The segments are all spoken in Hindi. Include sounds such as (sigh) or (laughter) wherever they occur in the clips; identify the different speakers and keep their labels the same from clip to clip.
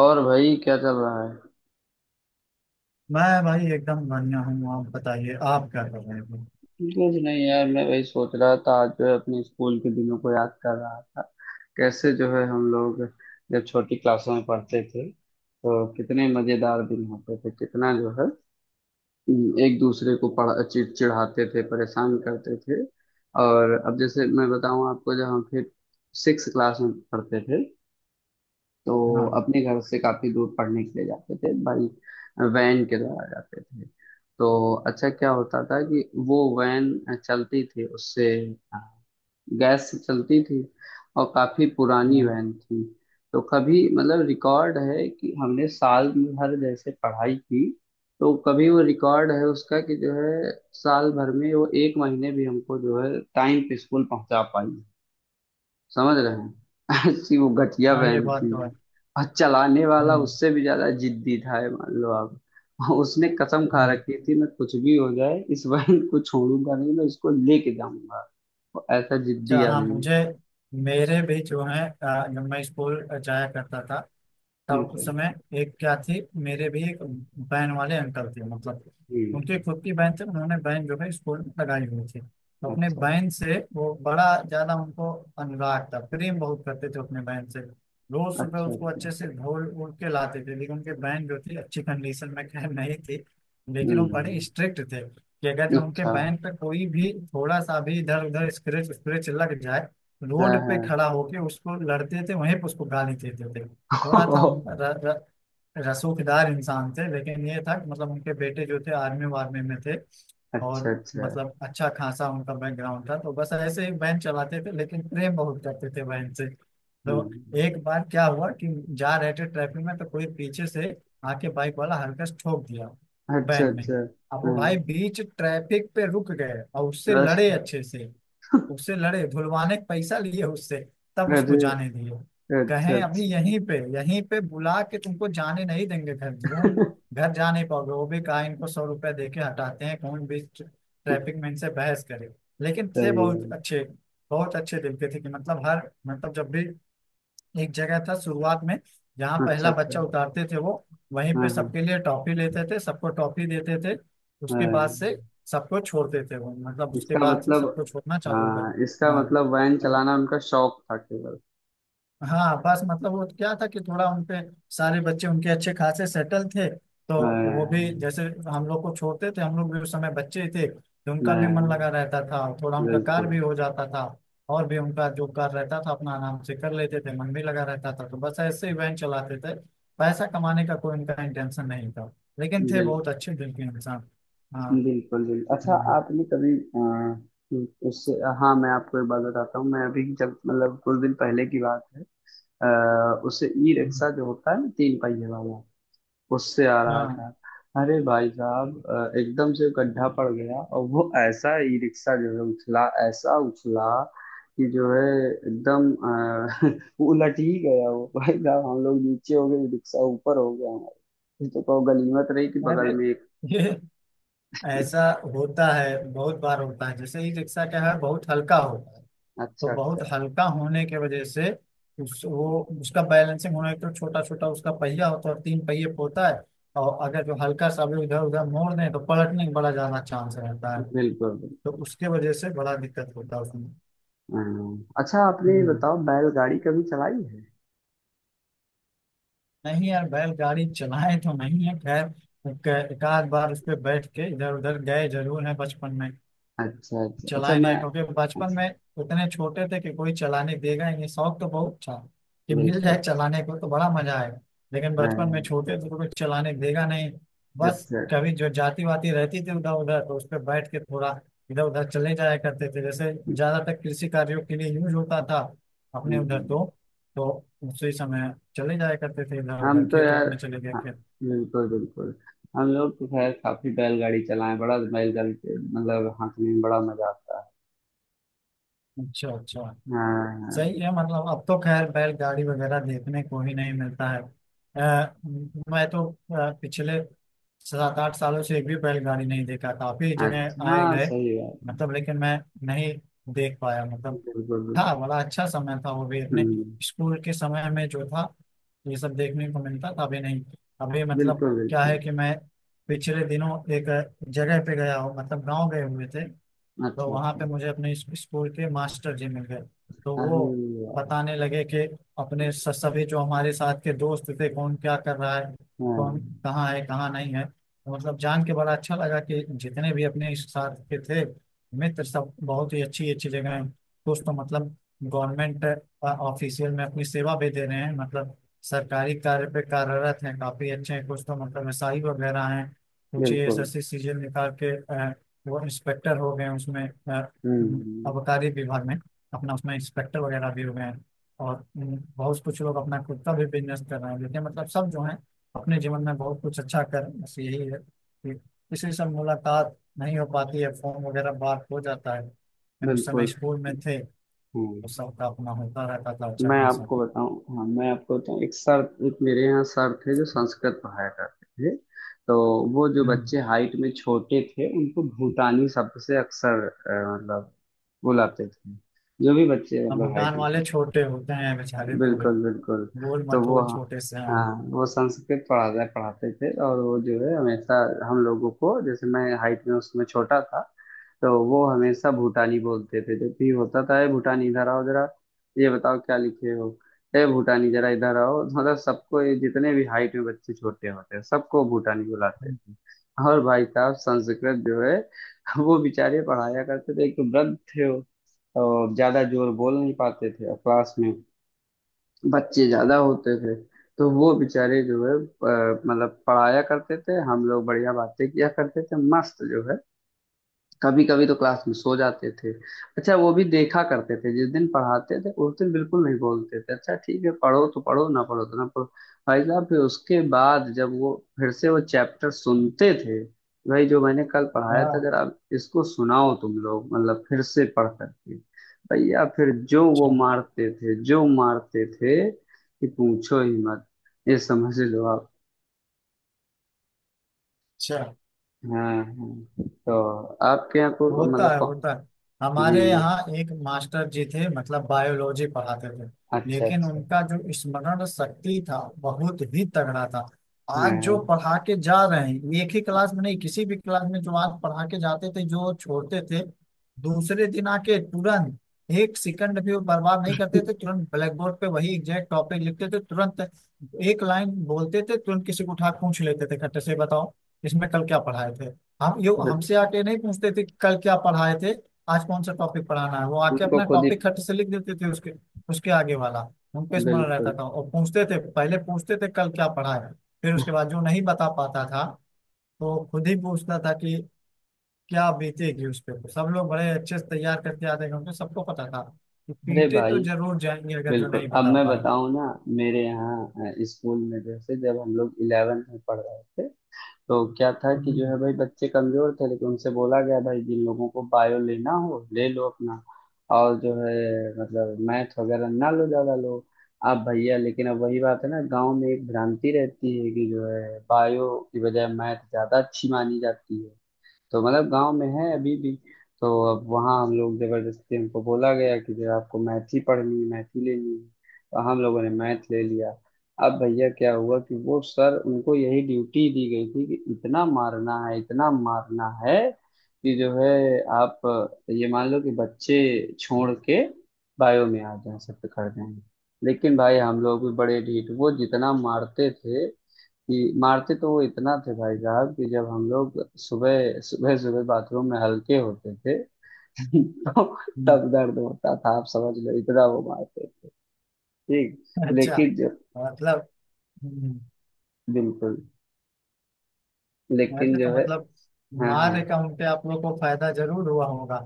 Speaker 1: और भाई क्या चल रहा है?
Speaker 2: मैं भाई एकदम बढ़िया हूँ। आप बताइए, आप क्या कर रहे हो।
Speaker 1: कुछ नहीं यार, मैं वही सोच रहा था। आज जो है अपने स्कूल के दिनों को याद कर रहा था। कैसे जो है हम लोग जब छोटी क्लासों में पढ़ते थे तो कितने मजेदार दिन होते थे। कितना जो है एक दूसरे को पढ़ चिढ़ाते थे, परेशान करते थे। और अब जैसे मैं बताऊं आपको, जब हम फिर सिक्स क्लास में पढ़ते थे तो
Speaker 2: हाँ,
Speaker 1: अपने घर से काफी दूर पढ़ने के लिए जाते थे भाई। वैन के द्वारा जाते थे। तो अच्छा क्या होता था कि वो वैन चलती थी उससे अ, गैस से चलती थी और काफी पुरानी
Speaker 2: हाँ,
Speaker 1: वैन थी। तो कभी मतलब रिकॉर्ड है कि हमने साल भर जैसे पढ़ाई की, तो कभी वो रिकॉर्ड है उसका कि जो है साल भर में वो एक महीने भी हमको जो है टाइम पे स्कूल पहुंचा पाई। समझ रहे हैं? (laughs) ऐसी वो घटिया
Speaker 2: हाँ, ये
Speaker 1: बहन
Speaker 2: बात
Speaker 1: थी।
Speaker 2: तो है।
Speaker 1: और चलाने वाला
Speaker 2: हम्म,
Speaker 1: उससे भी ज्यादा जिद्दी था, ये मान लो आप। और उसने कसम खा
Speaker 2: हम्म।
Speaker 1: रखी थी, मैं कुछ भी हो जाए इस बहन को छोड़ूंगा नहीं, मैं इसको लेके जाऊंगा। वो ऐसा जिद्दी
Speaker 2: अच्छा, हाँ,
Speaker 1: आदमी
Speaker 2: मुझे
Speaker 1: था।
Speaker 2: मेरे भी जो है जब मैं स्कूल जाया करता था उस
Speaker 1: बिल्कुल।
Speaker 2: समय। एक क्या थी, मेरे भी एक बहन वाले अंकल थे मतलब। उनके
Speaker 1: हम्म।
Speaker 2: खुद की बहन थे, उन्होंने बहन जो है स्कूल में लगाई हुई थी, तो अपने
Speaker 1: अच्छा
Speaker 2: बहन से वो बड़ा ज्यादा उनको अनुराग था, प्रेम बहुत करते थे अपने बहन से। रोज सुबह
Speaker 1: अच्छा।
Speaker 2: उसको
Speaker 1: अच्छा।
Speaker 2: अच्छे से धो उड़ के लाते थे, लेकिन उनके बहन जो थी अच्छी कंडीशन में खैर नहीं थी।
Speaker 1: हम्म
Speaker 2: लेकिन वो बड़े
Speaker 1: हम्म।
Speaker 2: स्ट्रिक्ट थे कि अगर जो उनके
Speaker 1: अच्छा।
Speaker 2: बहन पे कोई भी थोड़ा सा भी इधर उधर स्क्रैच स्क्रैच लग जाए,
Speaker 1: है
Speaker 2: रोड
Speaker 1: है।
Speaker 2: पे खड़ा होके उसको लड़ते थे, वहीं पे उसको गाली देते थे। थोड़ा था उन
Speaker 1: (laughs)
Speaker 2: र, र, रसूखदार इंसान थे, लेकिन ये था कि मतलब उनके बेटे जो थे आर्मी वार्मी में थे,
Speaker 1: अच्छा
Speaker 2: और
Speaker 1: अच्छा।
Speaker 2: मतलब अच्छा खासा उनका बैकग्राउंड था, तो बस ऐसे ही वैन चलाते थे, लेकिन प्रेम बहुत करते थे वैन से। तो
Speaker 1: हम्म।
Speaker 2: एक बार क्या हुआ कि जा रहे थे ट्रैफिक में, तो कोई पीछे से आके बाइक वाला हल्का से ठोक दिया
Speaker 1: अच्छा
Speaker 2: वैन में।
Speaker 1: अच्छा।
Speaker 2: अब वो
Speaker 1: हाँ।
Speaker 2: भाई बीच ट्रैफिक पे रुक गए और उससे
Speaker 1: अरे।
Speaker 2: लड़े अच्छे से, उससे लड़े, धुलवाने का पैसा लिए उससे, तब उसको जाने दिए।
Speaker 1: अरे अच्छा
Speaker 2: कहें अभी
Speaker 1: अच्छा।
Speaker 2: यहीं पे बुला के तुमको जाने नहीं देंगे, घर घूम,
Speaker 1: (laughs)
Speaker 2: घर जा नहीं पाओगे। वो भी कहा, इनको सौ रुपया दे के हटाते हैं, कौन भी ट्रैफिक में इनसे बहस करे। लेकिन थे
Speaker 1: सही है।
Speaker 2: बहुत अच्छे, बहुत अच्छे दिल के थे कि मतलब हर मतलब जब भी एक जगह था शुरुआत में जहाँ
Speaker 1: अच्छा
Speaker 2: पहला
Speaker 1: अच्छा।
Speaker 2: बच्चा उतारते थे, वो वहीं
Speaker 1: हाँ
Speaker 2: पे
Speaker 1: हाँ।
Speaker 2: सबके लिए टॉफी लेते थे, सबको टॉफी देते थे। उसके
Speaker 1: हाँ।
Speaker 2: बाद से सबको छोड़ते थे, वो मतलब उसके
Speaker 1: इसका
Speaker 2: बाद से
Speaker 1: मतलब,
Speaker 2: सबको छोड़ना चालू कर।
Speaker 1: हाँ इसका
Speaker 2: हाँ,
Speaker 1: मतलब वैन चलाना उनका शौक था केवल।
Speaker 2: हाँ, बस मतलब वो क्या था कि थोड़ा उनपे सारे बच्चे उनके अच्छे खासे सेटल थे, तो वो भी
Speaker 1: हाँ।
Speaker 2: जैसे हम लोग को छोड़ते थे, हम लोग भी उस समय बच्चे ही थे, तो उनका भी मन
Speaker 1: हाँ।
Speaker 2: लगा रहता था, थोड़ा उनका कार्य
Speaker 1: बिल्कुल
Speaker 2: भी हो जाता था। और भी उनका जो कार्य रहता था, अपना आराम से कर लेते थे, मन भी लगा रहता था, तो बस ऐसे इवेंट चलाते थे। पैसा कमाने का कोई उनका इंटेंशन नहीं था, लेकिन थे बहुत
Speaker 1: बिल्कुल।
Speaker 2: अच्छे दिल के इंसान। हाँ।
Speaker 1: बिल्कुल बिल्कुल। अच्छा,
Speaker 2: हम्म,
Speaker 1: आपने कभी उससे। हाँ, मैं आपको एक बात बताता हूँ। मैं अभी जब मतलब कुछ दिन पहले की बात है, उससे ई
Speaker 2: हम्म,
Speaker 1: रिक्शा जो होता है ना, तीन पहिए वाला, उससे आ रहा
Speaker 2: हाँ।
Speaker 1: था। अरे भाई साहब एकदम से गड्ढा पड़ गया, और वो ऐसा ई रिक्शा जो है उछला, ऐसा उछला कि जो है एकदम (laughs) वो उलट ही गया। वो भाई साहब हम लोग नीचे हो गए, ई रिक्शा ऊपर हो गया हमारा। ये तो कहो गनीमत रही कि बगल
Speaker 2: अरे,
Speaker 1: में एक।
Speaker 2: ये ऐसा होता है, बहुत बार होता है, जैसे ई रिक्शा क्या है बहुत हल्का होता है, तो
Speaker 1: अच्छा अच्छा।
Speaker 2: बहुत हल्का होने के वजह से उस वो उसका बैलेंसिंग होने तो छोटा छोटा उसका पहिया होता है और तीन पहिए पे होता है। और अगर जो हल्का सा भी इधर उधर मोड़ दें तो पलटने का बड़ा ज्यादा चांस रहता है,
Speaker 1: बिल्कुल
Speaker 2: तो
Speaker 1: बिल्कुल।
Speaker 2: उसके वजह से बड़ा दिक्कत होता है उसमें।
Speaker 1: हाँ। हाँ। अच्छा, आपने ये
Speaker 2: हम्म।
Speaker 1: बताओ बैलगाड़ी कभी चलाई है?
Speaker 2: नहीं यार, बैलगाड़ी चलाए तो नहीं है, खैर एक एक आध बार उस पर बैठ के इधर उधर गए जरूर है बचपन में।
Speaker 1: अच्छा अच्छा अच्छा
Speaker 2: चलाए नहीं
Speaker 1: मैं।
Speaker 2: है, क्योंकि बचपन
Speaker 1: अच्छा।
Speaker 2: में उतने छोटे थे कि कोई चलाने देगा ही नहीं, शौक तो बहुत था कि मिल जाए
Speaker 1: बिल्कुल।
Speaker 2: चलाने को तो बड़ा मजा आएगा, लेकिन
Speaker 1: हाँ,
Speaker 2: बचपन में
Speaker 1: हाँ।
Speaker 2: छोटे थे तो कोई चलाने देगा नहीं। बस
Speaker 1: अच्छा अच्छा।
Speaker 2: कभी जो जाती वाती रहती थी उधर उधर, तो उस पर बैठ के थोड़ा इधर उधर चले जाया करते थे, जैसे ज्यादातर कृषि कार्यों के लिए यूज होता था
Speaker 1: हम्म,
Speaker 2: अपने उधर,
Speaker 1: हम्म।
Speaker 2: तो उसी समय चले जाया करते थे इधर
Speaker 1: हम
Speaker 2: उधर,
Speaker 1: तो
Speaker 2: खेत
Speaker 1: यार।
Speaker 2: उत में चले गए
Speaker 1: हाँ।
Speaker 2: खेत।
Speaker 1: बिल्कुल बिल्कुल। हम लोग तो खैर काफी बैलगाड़ी चलाए। बड़ा बैलगाड़ी से मतलब हाँकने में बड़ा मजा आता है।
Speaker 2: अच्छा, अच्छा।
Speaker 1: हाँ हाँ।
Speaker 2: सही है, मतलब अब तो खैर बैलगाड़ी वगैरह देखने को ही नहीं मिलता है। मैं तो पिछले 7-8 सालों से एक भी बैलगाड़ी नहीं देखा, काफी
Speaker 1: अच्छा,
Speaker 2: जगह आए
Speaker 1: हाँ,
Speaker 2: गए,
Speaker 1: सही बात।
Speaker 2: मतलब, लेकिन मैं नहीं देख पाया, मतलब
Speaker 1: बिल्कुल बिल्कुल।
Speaker 2: था बड़ा अच्छा समय था वो भी अपने
Speaker 1: हम्म।
Speaker 2: स्कूल के समय में जो था ये सब देखने को मिलता था, अभी नहीं। अभी मतलब
Speaker 1: बिल्कुल
Speaker 2: क्या
Speaker 1: बिल्कुल।
Speaker 2: है कि मैं पिछले दिनों एक जगह पे गया हूँ, मतलब गाँव गए हुए थे, तो
Speaker 1: अच्छा
Speaker 2: वहां
Speaker 1: अच्छा।
Speaker 2: पे मुझे अपने स्कूल के मास्टर जी मिल गए, तो
Speaker 1: अरे
Speaker 2: वो
Speaker 1: यार।
Speaker 2: बताने लगे कि अपने सभी जो हमारे साथ के दोस्त थे कौन क्या कर रहा है, कौन
Speaker 1: हाँ।
Speaker 2: कहाँ है, कहाँ नहीं है, तो मतलब जान के बड़ा अच्छा लगा कि जितने भी अपने इस साथ के थे मित्र सब बहुत ही अच्छी अच्छी जगह हैं। कुछ तो मतलब गवर्नमेंट ऑफिशियल में अपनी सेवा भी दे रहे हैं, मतलब सरकारी कार्य पे कार्यरत हैं, काफी अच्छे हैं, कुछ तो मतलब एसआई वगैरह हैं, कुछ
Speaker 1: बिल्कुल।
Speaker 2: एसएससी सीजन निकाल के वो इंस्पेक्टर हो गए उसमें, अ,
Speaker 1: हम्म।
Speaker 2: आबकारी विभाग में अपना उसमें इंस्पेक्टर वगैरह भी हो गए हैं, और बहुत कुछ लोग अपना खुद का भी बिजनेस कर रहे हैं। देखिए, मतलब सब जो है अपने जीवन में बहुत कुछ अच्छा कर, बस यही है कि किसी से मुलाकात नहीं हो पाती है, फोन वगैरह बात हो जाता है, लेकिन उस समय
Speaker 1: बिल्कुल।
Speaker 2: स्कूल में थे
Speaker 1: हम्म।
Speaker 2: तो सबका अपना होता रहता था अच्छा
Speaker 1: मैं
Speaker 2: खासा।
Speaker 1: आपको बताऊं, हाँ मैं आपको बताऊं एक सर, एक मेरे यहाँ सर थे जो संस्कृत पढ़ाया करते थे। तो वो जो
Speaker 2: हम्म,
Speaker 1: बच्चे हाइट में छोटे थे उनको भूटानी शब्द से अक्सर मतलब बुलाते थे। जो भी बच्चे
Speaker 2: हम
Speaker 1: मतलब
Speaker 2: भूटान
Speaker 1: हाइट में।
Speaker 2: वाले छोटे होते हैं बेचारे, थोड़े
Speaker 1: बिल्कुल बिल्कुल।
Speaker 2: गोल
Speaker 1: तो वो,
Speaker 2: मटोल छोटे से
Speaker 1: हाँ,
Speaker 2: हैं।
Speaker 1: वो संस्कृत पढ़ाता पढ़ाते थे, और वो जो है हमेशा हम लोगों को, जैसे मैं हाइट में उसमें छोटा था, तो वो हमेशा भूटानी बोलते थे। जब भी होता था, "ए, भूटानी इधर आओ जरा, ये बताओ क्या लिखे हो। ए भूटानी जरा इधर आओ।" (laughs) मतलब सबको, ये जितने भी हाइट में बच्चे छोटे होते हैं सबको भूटानी बुलाते
Speaker 2: हम्म,
Speaker 1: थे। और भाई साहब संस्कृत जो है वो बेचारे पढ़ाया करते थे। एक तो वृद्ध थे वो, और ज्यादा जोर बोल नहीं पाते थे, और क्लास में बच्चे ज्यादा होते थे। तो वो बेचारे जो है मतलब पढ़ाया करते थे, हम लोग बढ़िया बातें किया करते थे मस्त जो है। कभी कभी तो क्लास में सो जाते थे। अच्छा वो भी देखा करते थे, जिस दिन पढ़ाते थे उस दिन बिल्कुल नहीं बोलते थे, अच्छा ठीक है, पढ़ो तो पढ़ो, ना पढ़ो तो ना पढ़ो। भाई साहब फिर उसके बाद जब वो फिर से वो चैप्टर सुनते थे, भाई जो मैंने कल पढ़ाया था
Speaker 2: हाँ,
Speaker 1: अगर आप इसको सुनाओ तुम लोग मतलब फिर से पढ़ करके। भैया फिर जो वो
Speaker 2: अच्छा,
Speaker 1: मारते थे, जो मारते थे कि पूछो ही मत। ये समझ लो आप।
Speaker 2: अच्छा,
Speaker 1: हाँ हाँ। तो आपके यहाँ को
Speaker 2: होता
Speaker 1: मतलब
Speaker 2: है, होता है।
Speaker 1: जी
Speaker 2: हमारे
Speaker 1: जी।
Speaker 2: यहाँ एक मास्टर जी थे, मतलब बायोलॉजी पढ़ाते थे,
Speaker 1: अच्छा
Speaker 2: लेकिन
Speaker 1: अच्छा।
Speaker 2: उनका जो स्मरण शक्ति था बहुत ही तगड़ा था। आज जो
Speaker 1: हाँ,
Speaker 2: पढ़ा के जा रहे हैं एक ही क्लास में नहीं, किसी भी क्लास में जो आज पढ़ा के जाते थे, जो छोड़ते थे, दूसरे दिन आके तुरंत एक सेकंड भी वो बर्बाद नहीं करते थे, तुरंत ब्लैक बोर्ड पे वही एग्जैक्ट टॉपिक लिखते थे, तुरंत एक लाइन बोलते थे, तुरंत किसी को उठा के पूछ लेते थे, खट्टे से बताओ इसमें कल क्या पढ़ाए थे। हम यो
Speaker 1: बस।
Speaker 2: हमसे आके नहीं पूछते थे कि कल क्या पढ़ाए थे, आज कौन सा टॉपिक पढ़ाना है, वो आके
Speaker 1: उनको
Speaker 2: अपना
Speaker 1: खुद ही।
Speaker 2: टॉपिक खट से लिख देते थे उसके उसके आगे वाला उनको स्मरण रहता
Speaker 1: बिल्कुल।
Speaker 2: था, और पूछते थे, पहले पूछते थे कल क्या पढ़ाया, फिर उसके बाद जो नहीं बता पाता था, तो खुद ही पूछता था कि क्या बीतेगी उस पे, सब लोग बड़े अच्छे से तैयार करके आते थे, उनको सबको पता था कि
Speaker 1: अरे
Speaker 2: पीटे
Speaker 1: भाई।
Speaker 2: तो जरूर जाएंगे अगर जो
Speaker 1: बिल्कुल
Speaker 2: नहीं
Speaker 1: अब
Speaker 2: बता
Speaker 1: मैं
Speaker 2: पाए।
Speaker 1: बताऊं ना, मेरे यहाँ स्कूल में जैसे जब हम लोग इलेवेंथ में पढ़ रहे थे, तो क्या था कि जो
Speaker 2: हम्म,
Speaker 1: है भाई बच्चे कमजोर थे, लेकिन उनसे बोला गया भाई जिन लोगों को बायो लेना हो ले लो अपना, और जो है मतलब मैथ वगैरह ना लो, ज्यादा लो। अब भैया लेकिन अब वही बात है ना, गांव में एक भ्रांति रहती है कि जो है बायो की बजाय मैथ ज्यादा अच्छी मानी जाती है। तो मतलब गांव में है अभी भी। तो अब वहाँ हम लोग, जबरदस्ती हमको बोला गया कि जो आपको मैथ ही पढ़नी है, मैथ ही लेनी है। तो हम लोगों ने मैथ ले लिया। अब भैया क्या हुआ कि वो सर, उनको यही ड्यूटी दी गई थी कि इतना मारना है, इतना मारना है कि जो है आप ये मान लो कि बच्चे छोड़ के बायो में आ जाएं, सब पकड़ दें। लेकिन भाई हम लोग भी बड़े ढीठ, वो जितना मारते थे, कि मारते तो वो इतना थे भाई साहब कि जब हम लोग सुबह सुबह सुबह बाथरूम में हल्के होते थे (laughs) तो
Speaker 2: हम्म।
Speaker 1: तब दर्द होता था, आप समझ लो इतना वो मारते थे। ठीक।
Speaker 2: (laughs) अच्छा।
Speaker 1: लेकिन जो।
Speaker 2: मतलब, हम्म,
Speaker 1: बिल्कुल। लेकिन
Speaker 2: अरे तो
Speaker 1: जो है।
Speaker 2: मतलब
Speaker 1: हाँ
Speaker 2: मार
Speaker 1: हाँ।
Speaker 2: अकाउंट पे आप लोग को फायदा जरूर हुआ होगा,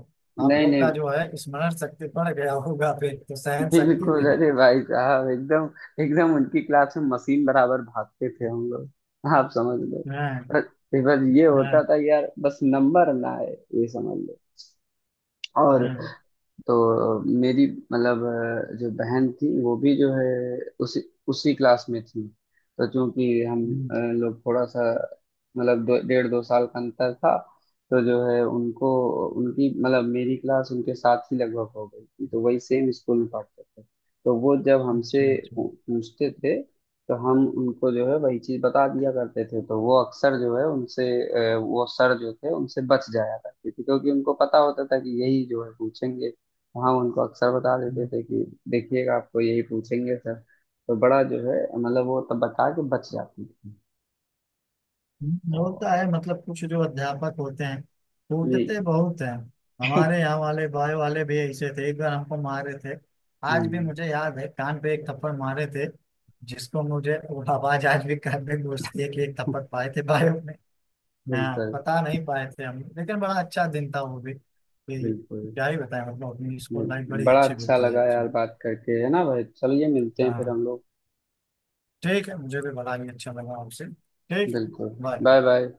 Speaker 2: आप
Speaker 1: नहीं
Speaker 2: लोग का
Speaker 1: नहीं।
Speaker 2: जो है स्मरण शक्ति बढ़ गया होगा, फिर तो सहन शक्ति
Speaker 1: बिल्कुल
Speaker 2: भी।
Speaker 1: अरे भाई साहब, एकदम एकदम उनकी क्लास में मशीन बराबर भागते थे हम लोग। आप समझ लो।
Speaker 2: हाँ,
Speaker 1: बस, बस ये होता
Speaker 2: हाँ,
Speaker 1: था यार, बस नंबर ना आए। ये समझ लो। और
Speaker 2: हाँ।
Speaker 1: तो मेरी मतलब जो बहन थी वो भी जो है उसी उसी क्लास में थी। तो चूंकि हम
Speaker 2: हम्म,
Speaker 1: लोग थोड़ा सा मतलब डेढ़ दो साल का अंतर था। तो जो है उनको, उनकी मतलब मेरी क्लास उनके साथ ही लगभग हो गई थी, तो वही सेम स्कूल में पढ़ते थे। तो वो जब हमसे
Speaker 2: अच्छा, अच्छा।
Speaker 1: पूछते थे तो हम उनको जो है वही चीज बता दिया करते थे। तो वो अक्सर जो है उनसे वो सर जो थे उनसे बच जाया करते थे, क्योंकि उनको पता होता था कि यही जो है पूछेंगे। हाँ, उनको अक्सर बता देते
Speaker 2: हम्म,
Speaker 1: थे कि देखिएगा आपको यही पूछेंगे सर। तो बड़ा जो है मतलब वो तब बता के बच जाती थी।
Speaker 2: हम्म।
Speaker 1: तो
Speaker 2: होता है, मतलब कुछ जो अध्यापक होते हैं
Speaker 1: ये।
Speaker 2: कूटते बहुत हैं, हमारे यहाँ वाले बायो वाले भी ऐसे थे, एक बार हमको मारे थे, आज भी
Speaker 1: हम्म,
Speaker 2: मुझे याद है, कान पे एक थप्पड़ मारे थे, जिसको मुझे वो आवाज आज भी कान में गूंजती है कि एक थप्पड़ पाए थे बायो। हाँ,
Speaker 1: बिल्कुल
Speaker 2: बता नहीं पाए थे हम, लेकिन बड़ा अच्छा दिन था वो भी, कि
Speaker 1: बिल्कुल।
Speaker 2: क्या ही बताएं, मतलब अपनी स्कूल लाइफ
Speaker 1: बिल्कुल।
Speaker 2: बड़ी
Speaker 1: बड़ा
Speaker 2: अच्छी
Speaker 1: अच्छा
Speaker 2: बीती है
Speaker 1: लगा यार
Speaker 2: उसमें।
Speaker 1: बात करके, है ना भाई? चलिए मिलते हैं फिर
Speaker 2: हाँ,
Speaker 1: हम लोग।
Speaker 2: ठीक है, मुझे भी बड़ा ही अच्छा लगा आपसे, ठीक।
Speaker 1: बिल्कुल।
Speaker 2: बाय।
Speaker 1: Bye bye.